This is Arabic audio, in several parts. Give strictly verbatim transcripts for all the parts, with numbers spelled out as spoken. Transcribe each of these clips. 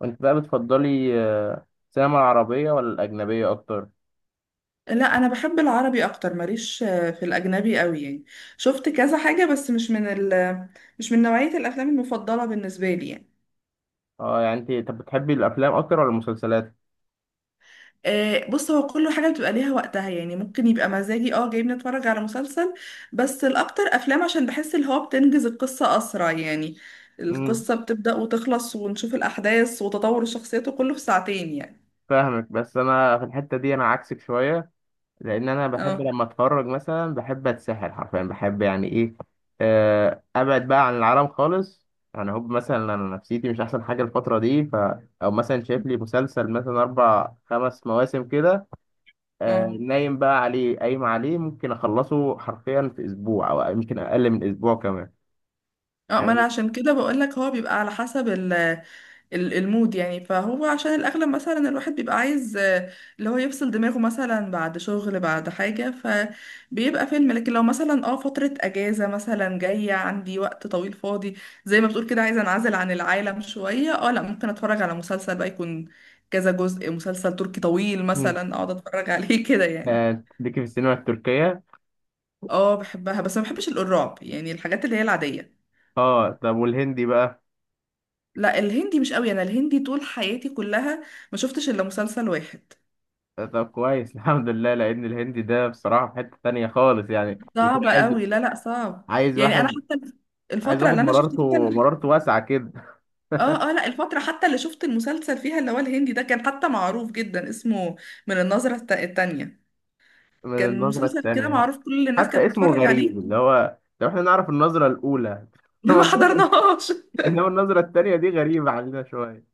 وانت بقى بتفضلي آه، السينما العربية ولا الأجنبية أكتر؟ لا، انا بحب العربي اكتر. ماليش آه، في الاجنبي قوي يعني. شفت كذا حاجه بس مش من ال مش من نوعيه الافلام المفضله بالنسبه لي يعني. اه، يعني انت طب بتحبي الأفلام أكتر ولا المسلسلات؟ آه، بص، هو كل حاجه بتبقى ليها وقتها يعني. ممكن يبقى مزاجي اه جايبني اتفرج على مسلسل، بس الاكتر افلام، عشان بحس اللي هو بتنجز القصه اسرع يعني. امم القصه بتبدا وتخلص ونشوف الاحداث وتطور الشخصيات وكله في ساعتين يعني. فاهمك، بس أنا في الحتة دي أنا عكسك شوية. لأن أنا بحب اه، لما أتفرج مثلا بحب أتسحل حرفيا، بحب يعني إيه، آه، أبعد بقى عن العالم خالص. يعني هو مثلا أنا نفسيتي مش أحسن حاجة الفترة دي، ف، أو مثلا شايف لي مسلسل مثلا أربع خمس مواسم كده، آه، اه، نايم بقى عليه قايم عليه ممكن أخلصه حرفيا في أسبوع أو يمكن أقل من أسبوع كمان، اه، ما انا يعني. عشان كده بقول لك هو بيبقى على حسب ال- المود يعني. فهو عشان الأغلب مثلا الواحد بيبقى عايز آه، اللي هو يفصل دماغه مثلا بعد شغل بعد حاجة، فبيبقى فيلم. لكن لو مثلا اه فترة أجازة مثلا جاية عندي وقت طويل فاضي، زي ما بتقول كده عايزة أنعزل عن العالم شوية، اه لا، ممكن أتفرج على مسلسل بقى، يكون كذا جزء، مسلسل تركي طويل مم. مثلا أقعد أتفرج عليه كده يعني. آه، ليكي في السينما التركية؟ اه، بحبها بس ما بحبش الرعب، يعني الحاجات اللي هي العادية. اه، طب والهندي بقى؟ لا، الهندي مش قوي، أنا الهندي طول حياتي كلها ما شفتش إلا مسلسل واحد. طب كويس. الحمد لله، لأن الهندي ده بصراحة في حتة تانية خالص، يعني يكون صعبة عايز، قوي، لا لا، صعب. عايز يعني انا واحد حتى عايز الفترة واحد اللي انا شفت فيها مرارته ال- مرارته واسعة كده. اه، اه، لا، الفترة حتى اللي شفت المسلسل فيها اللي هو الهندي ده كان حتى معروف جدا، اسمه من النظرة الت- التانية. من كان النظرة مسلسل كده التانية، معروف كل الناس حتى كانت اسمه بتتفرج عليه. غريب، اللي هو لو احنا نعرف النظرة الأولى، إنما ما النظرة حضرناهاش. إنما النظرة التانية دي غريبة علينا شوية.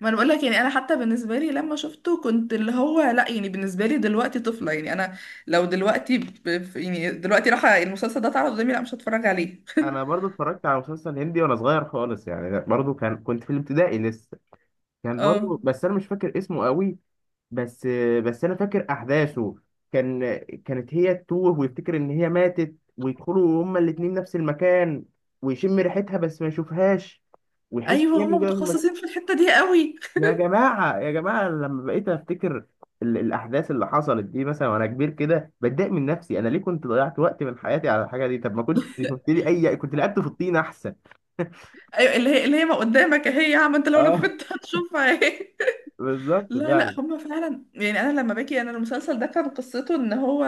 ما انا بقول لك يعني انا حتى بالنسبة لي لما شفته كنت اللي هو لا، يعني بالنسبة لي دلوقتي طفلة يعني. انا لو دلوقتي ب... ب- يعني دلوقتي راح المسلسل ده اتعرض قدامي، لا، مش هتفرج عليه. أنا برضو اتفرجت على مسلسل هندي وأنا صغير خالص يعني، برضو كان كنت في الابتدائي لسه. كان برضو، اه، بس أنا مش فاكر اسمه قوي، بس بس انا فاكر احداثه. كان كانت هي تتوه، ويفتكر ان هي ماتت، ويدخلوا هما الاتنين نفس المكان، ويشم ريحتها بس ما يشوفهاش، ويحس ان ايوه، هي هما مجرد. مك... متخصصين في الحتة دي قوي. يا جماعه يا جماعه، لما بقيت افتكر ال... الاحداث اللي حصلت دي مثلا وانا كبير كده، بتضايق من نفسي، انا ليه كنت ضيعت وقت من حياتي على الحاجه دي؟ طب ما كنت شفت لي اي، كنت لعبت في الطين احسن. ايوه، اللي هي اللي هي ما قدامك اهي يا عم انت، لو اه، نفذت هتشوفها اهي. بالظبط لا لا، فعلا. هما فعلا يعني. انا لما باجي انا المسلسل ده كان قصته ان هو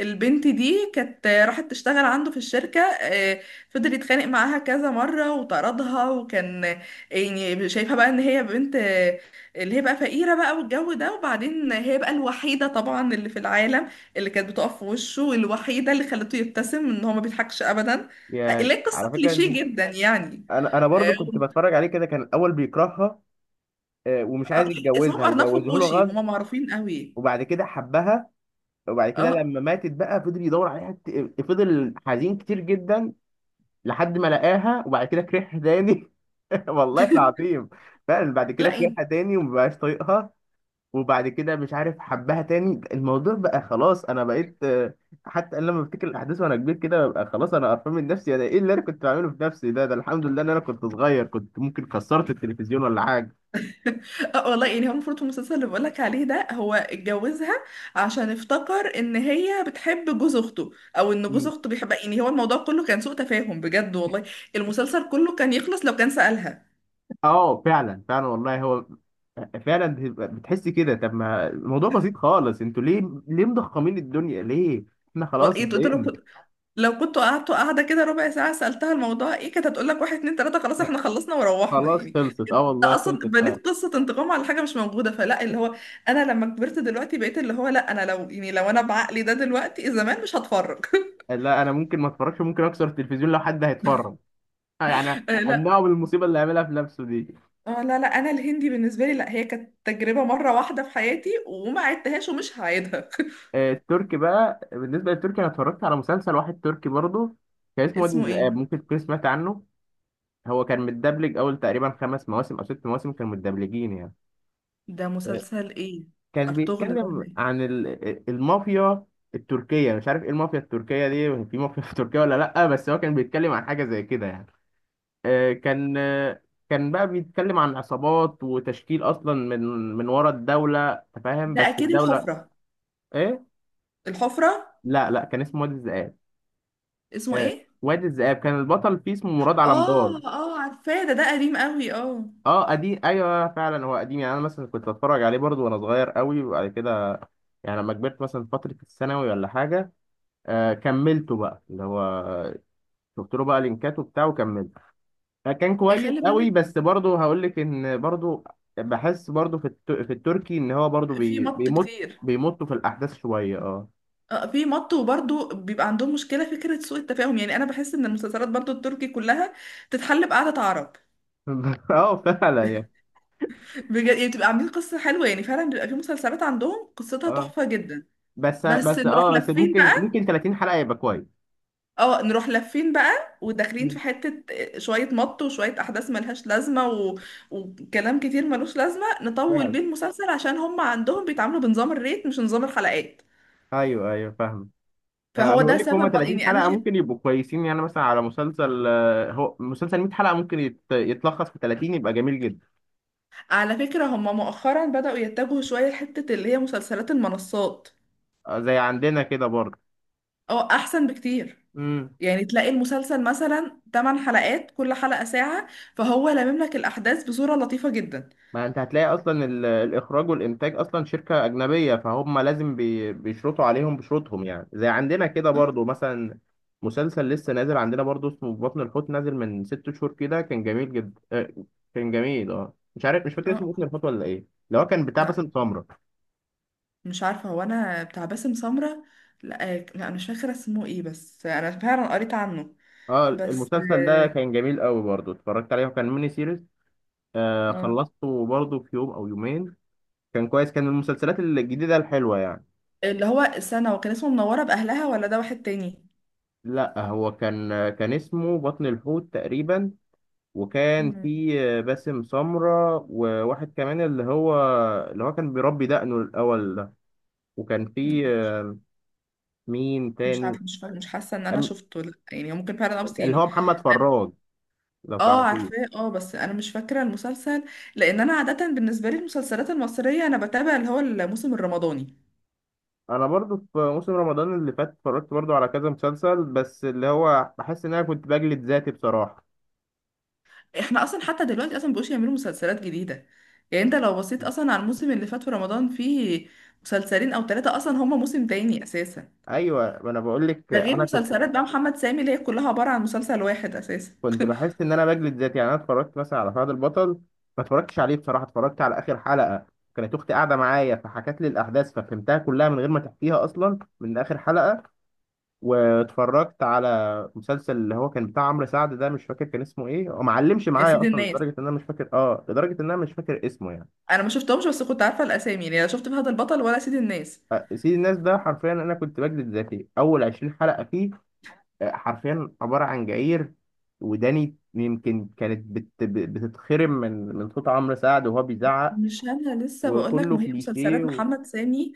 البنت دي كانت راحت تشتغل عنده في الشركه، آه، فضل يتخانق معاها كذا مره وطردها، وكان آه، يعني شايفها بقى ان هي بنت، آه، اللي هي بقى فقيره بقى والجو ده. وبعدين هي بقى الوحيده طبعا اللي في العالم اللي كانت بتقف في وشه، والوحيده اللي خلته يبتسم ان هو ما بيضحكش ابدا. آه، يا اللي هي قصه على فكره، انت كليشيه جدا يعني. انا انا برضو آه، كنت بتفرج عليه كده، كان الاول بيكرهها، آه، ومش آه، عايز اسمهم يتجوزها، أرناف وجوزه له وكوشي، غصب، هما معروفين قوي. وبعد كده حبها، وبعد كده اه، لما ماتت بقى فضل يدور عليها، كت- فضل حزين كتير جدا، لحد ما لقاها، وبعد كده كرهها تاني. والله العظيم، فعلا بعد كده لا كرهها يعني. تاني ومبقاش طايقها، وبعد كده مش عارف حبها تاني. الموضوع بقى خلاص، انا بقيت، آه، حتى أنا لما بفتكر الاحداث وانا كبير كده ببقى خلاص انا قرفان من نفسي، انا ايه اللي انا كنت بعمله في نفسي ده ده الحمد لله ان انا كنت صغير، كنت ممكن كسرت التلفزيون ولا حاجه. اه، والله يعني، هو المفروض في المسلسل اللي بقولك عليه ده هو اتجوزها عشان افتكر ان هي بتحب جوز اخته، او ان جوز اخته بيحبها. يعني هو الموضوع كله كان سوء تفاهم بجد والله. المسلسل كله كان يخلص لو كان سألها اه فعلا فعلا والله، هو فعلا بتبقى- بتحس كده، طب ما الموضوع بسيط خالص، انتوا ليه، ليه مضخمين الدنيا ليه، احنا و- خلاص ايه تقول اتضايقنا. له. لو كنتوا قعدتوا قاعدة كده ربع ساعة سألتها الموضوع ايه، كانت هتقول لك واحد اتنين تلاتة، خلاص لا، احنا خلصنا وروحنا خلاص يعني. خلصت، اه انت والله اصلا خلصت فعلا. بنيت قصة انتقام على حاجة مش موجودة، فلا اللي هو انا لما كبرت دلوقتي بقيت اللي هو لا، انا لو يعني لو انا بعقلي ده دلوقتي زمان مش هتفرج. لا انا ممكن ما اتفرجش، ممكن اكسر التلفزيون لو حد هيتفرج، يعني آه، لا. امنعه من المصيبه اللي هيعملها في نفسه دي. آه، لا لا، انا الهندي بالنسبة لي لا، هي كانت تجربة مرة واحدة في حياتي وما عدتهاش ومش هعيدها. آه، التركي بقى، بالنسبه للتركي انا اتفرجت على مسلسل واحد تركي برضه، كان اسمه وادي اسمه ايه؟ الذئاب، ممكن تكون سمعت عنه. هو كان متدبلج اول تقريبا خمس مواسم او ست مواسم كانوا متدبلجين يعني. ده آه، مسلسل ايه؟ كان ارطغرل ده بيتكلم ولا ايه؟ عن ال- المافيا التركية، مش عارف ايه المافيا التركية دي، في مافيا في تركيا ولا لأ، بس هو كان بيتكلم عن حاجة زي كده يعني. آه، كان آه، كان بقى بيتكلم عن عصابات وتشكيل أصلا، من من ورا الدولة، أنت فاهم، ده بس اكيد الدولة. الحفرة. ايه، الحفرة. لا لا، كان اسمه وادي الذئاب. اسمه آه، ايه؟ وادي الذئاب كان البطل فيه اسمه مراد على مدار. اه، اه، عارفاه، ده ده قديم قوي، اه. اه قديم ايوه فعلا، هو قديم يعني، انا مثلا كنت اتفرج عليه برضو وانا صغير قوي، وبعد كده يعني لما كبرت مثلا فترة الثانوي ولا حاجة، آه كملته بقى، اللي هو شفت له بقى لينكات وبتاع وكملته، فكان آه، كويس خلي قوي، بالك. بس برضه هقول لك ان برضه بحس برضه في الت... في التركي ان هو برضه في بي... مط بيمط، كتير. بيمطوا في الاحداث شويه، اه. اه، في مط، وبرضه بيبقى عندهم مشكلة فكرة سوء التفاهم. يعني انا بحس ان المسلسلات برضه التركي كلها تتحل بقعدة عرب. اه فعلا يعني، بجد يعني، بتبقى عاملين قصة حلوة، يعني فعلا بيبقى في مسلسلات عندهم قصتها اه تحفة جدا. بس بس بس نروح اه بس لفين ممكن بقى؟ ممكن تلاتين حلقه يبقى كويس. اه، نروح لفين بقى وداخلين في مم. حتة آه، شوية مط وشوية احداث ملهاش لازمة و... وكلام كتير ملوش لازمة نطول فعلا. بيه المسلسل، عشان هم عندهم بيتعاملوا بنظام الريت مش نظام الحلقات. ايوه ايوه فاهم. آه، فهو انا بقول ده لك هما سبب من... ثلاثين يعني انا حلقه شايف. ممكن يبقوا كويسين، يعني مثلا على مسلسل، آه، هو مسلسل مية حلقه ممكن يت- يتلخص في تلاتين، يبقى جميل جدا. على فكرة هم مؤخرا بدأوا يتجهوا شوية لحتة اللي هي مسلسلات المنصات، آه، زي عندنا كده برضه. او احسن بكتير. مم. يعني تلاقي المسلسل مثلا 8 حلقات، كل حلقة ساعة، فهو لامم لك الاحداث بصورة لطيفة جدا. ما انت هتلاقي اصلا ال- الاخراج والانتاج اصلا شركه اجنبيه، فهم لازم بي- بيشرطوا عليهم بشروطهم، يعني زي عندنا كده اه، برضو مثلا. مسلسل لسه نازل عندنا برضو اسمه في بطن الحوت، نازل من ست شهور كده، كان جميل جدا، آه، كان جميل، اه مش عارف مش فاكر اسمه بطن اه، الحوت ولا ايه، اللي هو كان بتاع لا، باسم سمرة. مش عارفة، هو انا بتاع باسم سمرة؟ لا. آه، لا، أنا مش فاكرة اسمه ايه، بس انا فعلا قريت عنه. اه، بس المسلسل ده اه كان جميل قوي برضو، اتفرجت عليه وكان ميني سيريز، آه آه. خلصته برضو في يوم او يومين. كان كويس، كان من المسلسلات الجديده الحلوه يعني. اللي هو السنة وكان اسمه منورة بأهلها، ولا ده واحد تاني؟ لا، هو كان كان اسمه بطن الحوت تقريبا، وكان مم. في باسم سمرة وواحد كمان، اللي هو اللي هو كان بيربي دقنه الأول ده، وكان في مين مش تاني، عارفه، مش فاكره، مش حاسه ان انا أم- شفته. لا يعني، هو ممكن فعلا اب اللي صيني. هو محمد فراج لو اه، تعرفيه. عارفاه، اه، بس انا مش فاكره المسلسل، لان انا عاده بالنسبه لي المسلسلات المصريه انا بتابع اللي هو الموسم الرمضاني. أنا برضو في موسم رمضان اللي فات اتفرجت برضو على كذا مسلسل، بس اللي هو بحس إن أنا كنت بجلد ذاتي بصراحة. احنا اصلا حتى دلوقتي اصلا مبقوش يعملوا مسلسلات جديده. يعني انت لو بصيت اصلا على الموسم اللي فات في رمضان، فيه مسلسلين او ثلاثه اصلا، هما موسم تاني اساسا. أيوة، ما أنا بقول لك ده غير أنا كنت مسلسلات بقى محمد سامي اللي هي كلها عباره عن مسلسل واحد اساسا. كنت بحس ان انا بجلد ذاتي، يعني انا اتفرجت مثلا على فهد البطل، ما اتفرجتش عليه بصراحه، اتفرجت على اخر حلقه، كانت اختي قاعده معايا فحكت لي الاحداث، ففهمتها كلها من غير ما تحكيها اصلا من اخر حلقه. واتفرجت على مسلسل اللي هو كان بتاع عمرو سعد، ده مش فاكر كان اسمه ايه، هو معلمش يا معايا سيد اصلا، الناس، لدرجه ان انا مش فاكر اه لدرجه ان انا مش فاكر اسمه يعني. انا ما شفتهمش بس كنت عارفه الاسامي يعني، لا شفت فهد البطل ولا سيد الناس. أه، سيد الناس ده حرفيا انا كنت بجلد ذاتي اول عشرين حلقه فيه، حرفيا عبارة عن جعير، وداني يمكن كانت بت... بتتخرم من من صوت عمرو سعد وهو بيزعق، مش انا لسه بقول لك وكله ما هي كليشيه، مسلسلات و... محمد سامي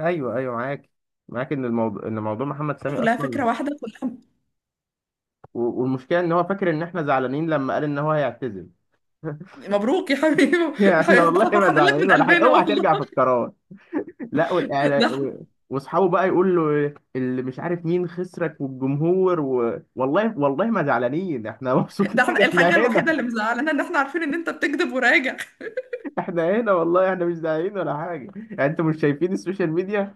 ايوه ايوه معاك، معاك ان الموضوع، ان موضوع محمد سامي كلها اصلا، فكره واحده كلها. و- والمشكله ان هو فاكر ان احنا زعلانين لما قال ان هو هيعتزل. مبروك يا حبيبي. يا يعني احنا حبيبي، ده والله احنا ما فرحانين لك زعلانين من ولا حاجه، قلبنا اوعى والله. ترجع في القرار. لا، ده والاعلام احنا و... واصحابه بقى يقول له اللي مش عارف مين خسرك والجمهور، و... والله والله ما زعلانين، احنا مبسوطين، ده احنا احنا الحاجه الوحيده هنا، اللي مزعلانه ان احنا عارفين ان انت بتكذب وراجع. احنا هنا والله، احنا مش داعيين ولا حاجه، يعني انتوا مش شايفين السوشيال ميديا؟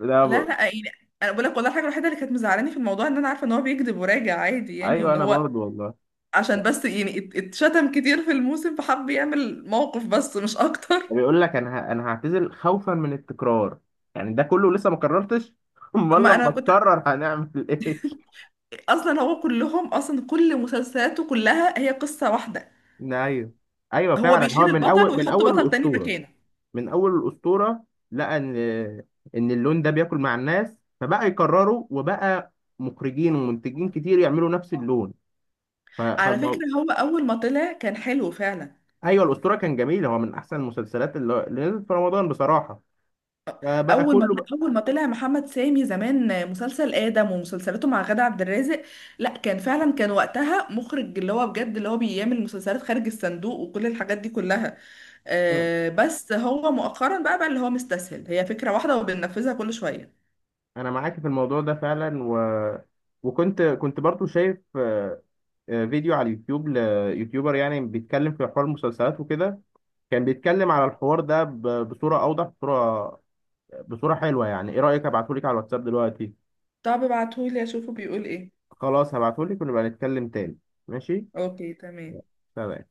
لا لا ب... لا يعني، انا بقول لك والله الحاجه الوحيده اللي كانت مزعلاني في الموضوع ان انا عارفه ان هو بيكذب وراجع عادي يعني، ايوه وان انا هو برضو والله. عشان بس يعني ات- اتشتم كتير في الموسم فحب يعمل موقف بس مش اكتر. بيقول لك انا ه... انا هعتزل خوفا من التكرار، يعني ده كله لسه ما قررتش، امال ما انا لما كنت تقرر هنعمل ايه؟ اصلا، هو كلهم اصلا كل مسلسلاته كلها هي قصه واحده، ايوه ايوه هو فعلا، هو بيشيل من البطل اول من ويحط اول بطل تاني الاسطوره، مكانه. من اول الاسطوره لقى ان ان اللون ده بياكل مع الناس، فبقى يكرروا، وبقى مخرجين ومنتجين كتير يعملوا نفس اللون، ف... على فكرة فالمو- هو أول ما طلع كان حلو فعلا. ايوه الاسطوره كان جميل، هو من احسن المسلسلات اللي اللي نزلت في رمضان بصراحه. فبقى أول ما كله أول ما طلع محمد سامي زمان مسلسل آدم ومسلسلاته مع غادة عبد الرازق، لا كان فعلا، كان وقتها مخرج اللي هو بجد اللي هو بيعمل مسلسلات خارج الصندوق وكل الحاجات دي كلها. بقى، آه بس هو مؤخرا بقى بقى اللي هو مستسهل، هي فكرة واحدة وبننفذها كل شوية. انا معاك في الموضوع ده فعلا، و... وكنت كنت برضو شايف آه، آه، فيديو على اليوتيوب ليوتيوبر يعني بيتكلم في حوار المسلسلات وكده، كان بيتكلم على الحوار ده، ب... بصوره اوضح، بصوره بصوره حلوه، يعني ايه رايك ابعتهولك على الواتساب دلوقتي؟ طب ابعتهولي أشوفه بيقول إيه. خلاص هبعتهولك، ونبقى نتكلم تاني. ماشي. أوكي، تمام. سلام.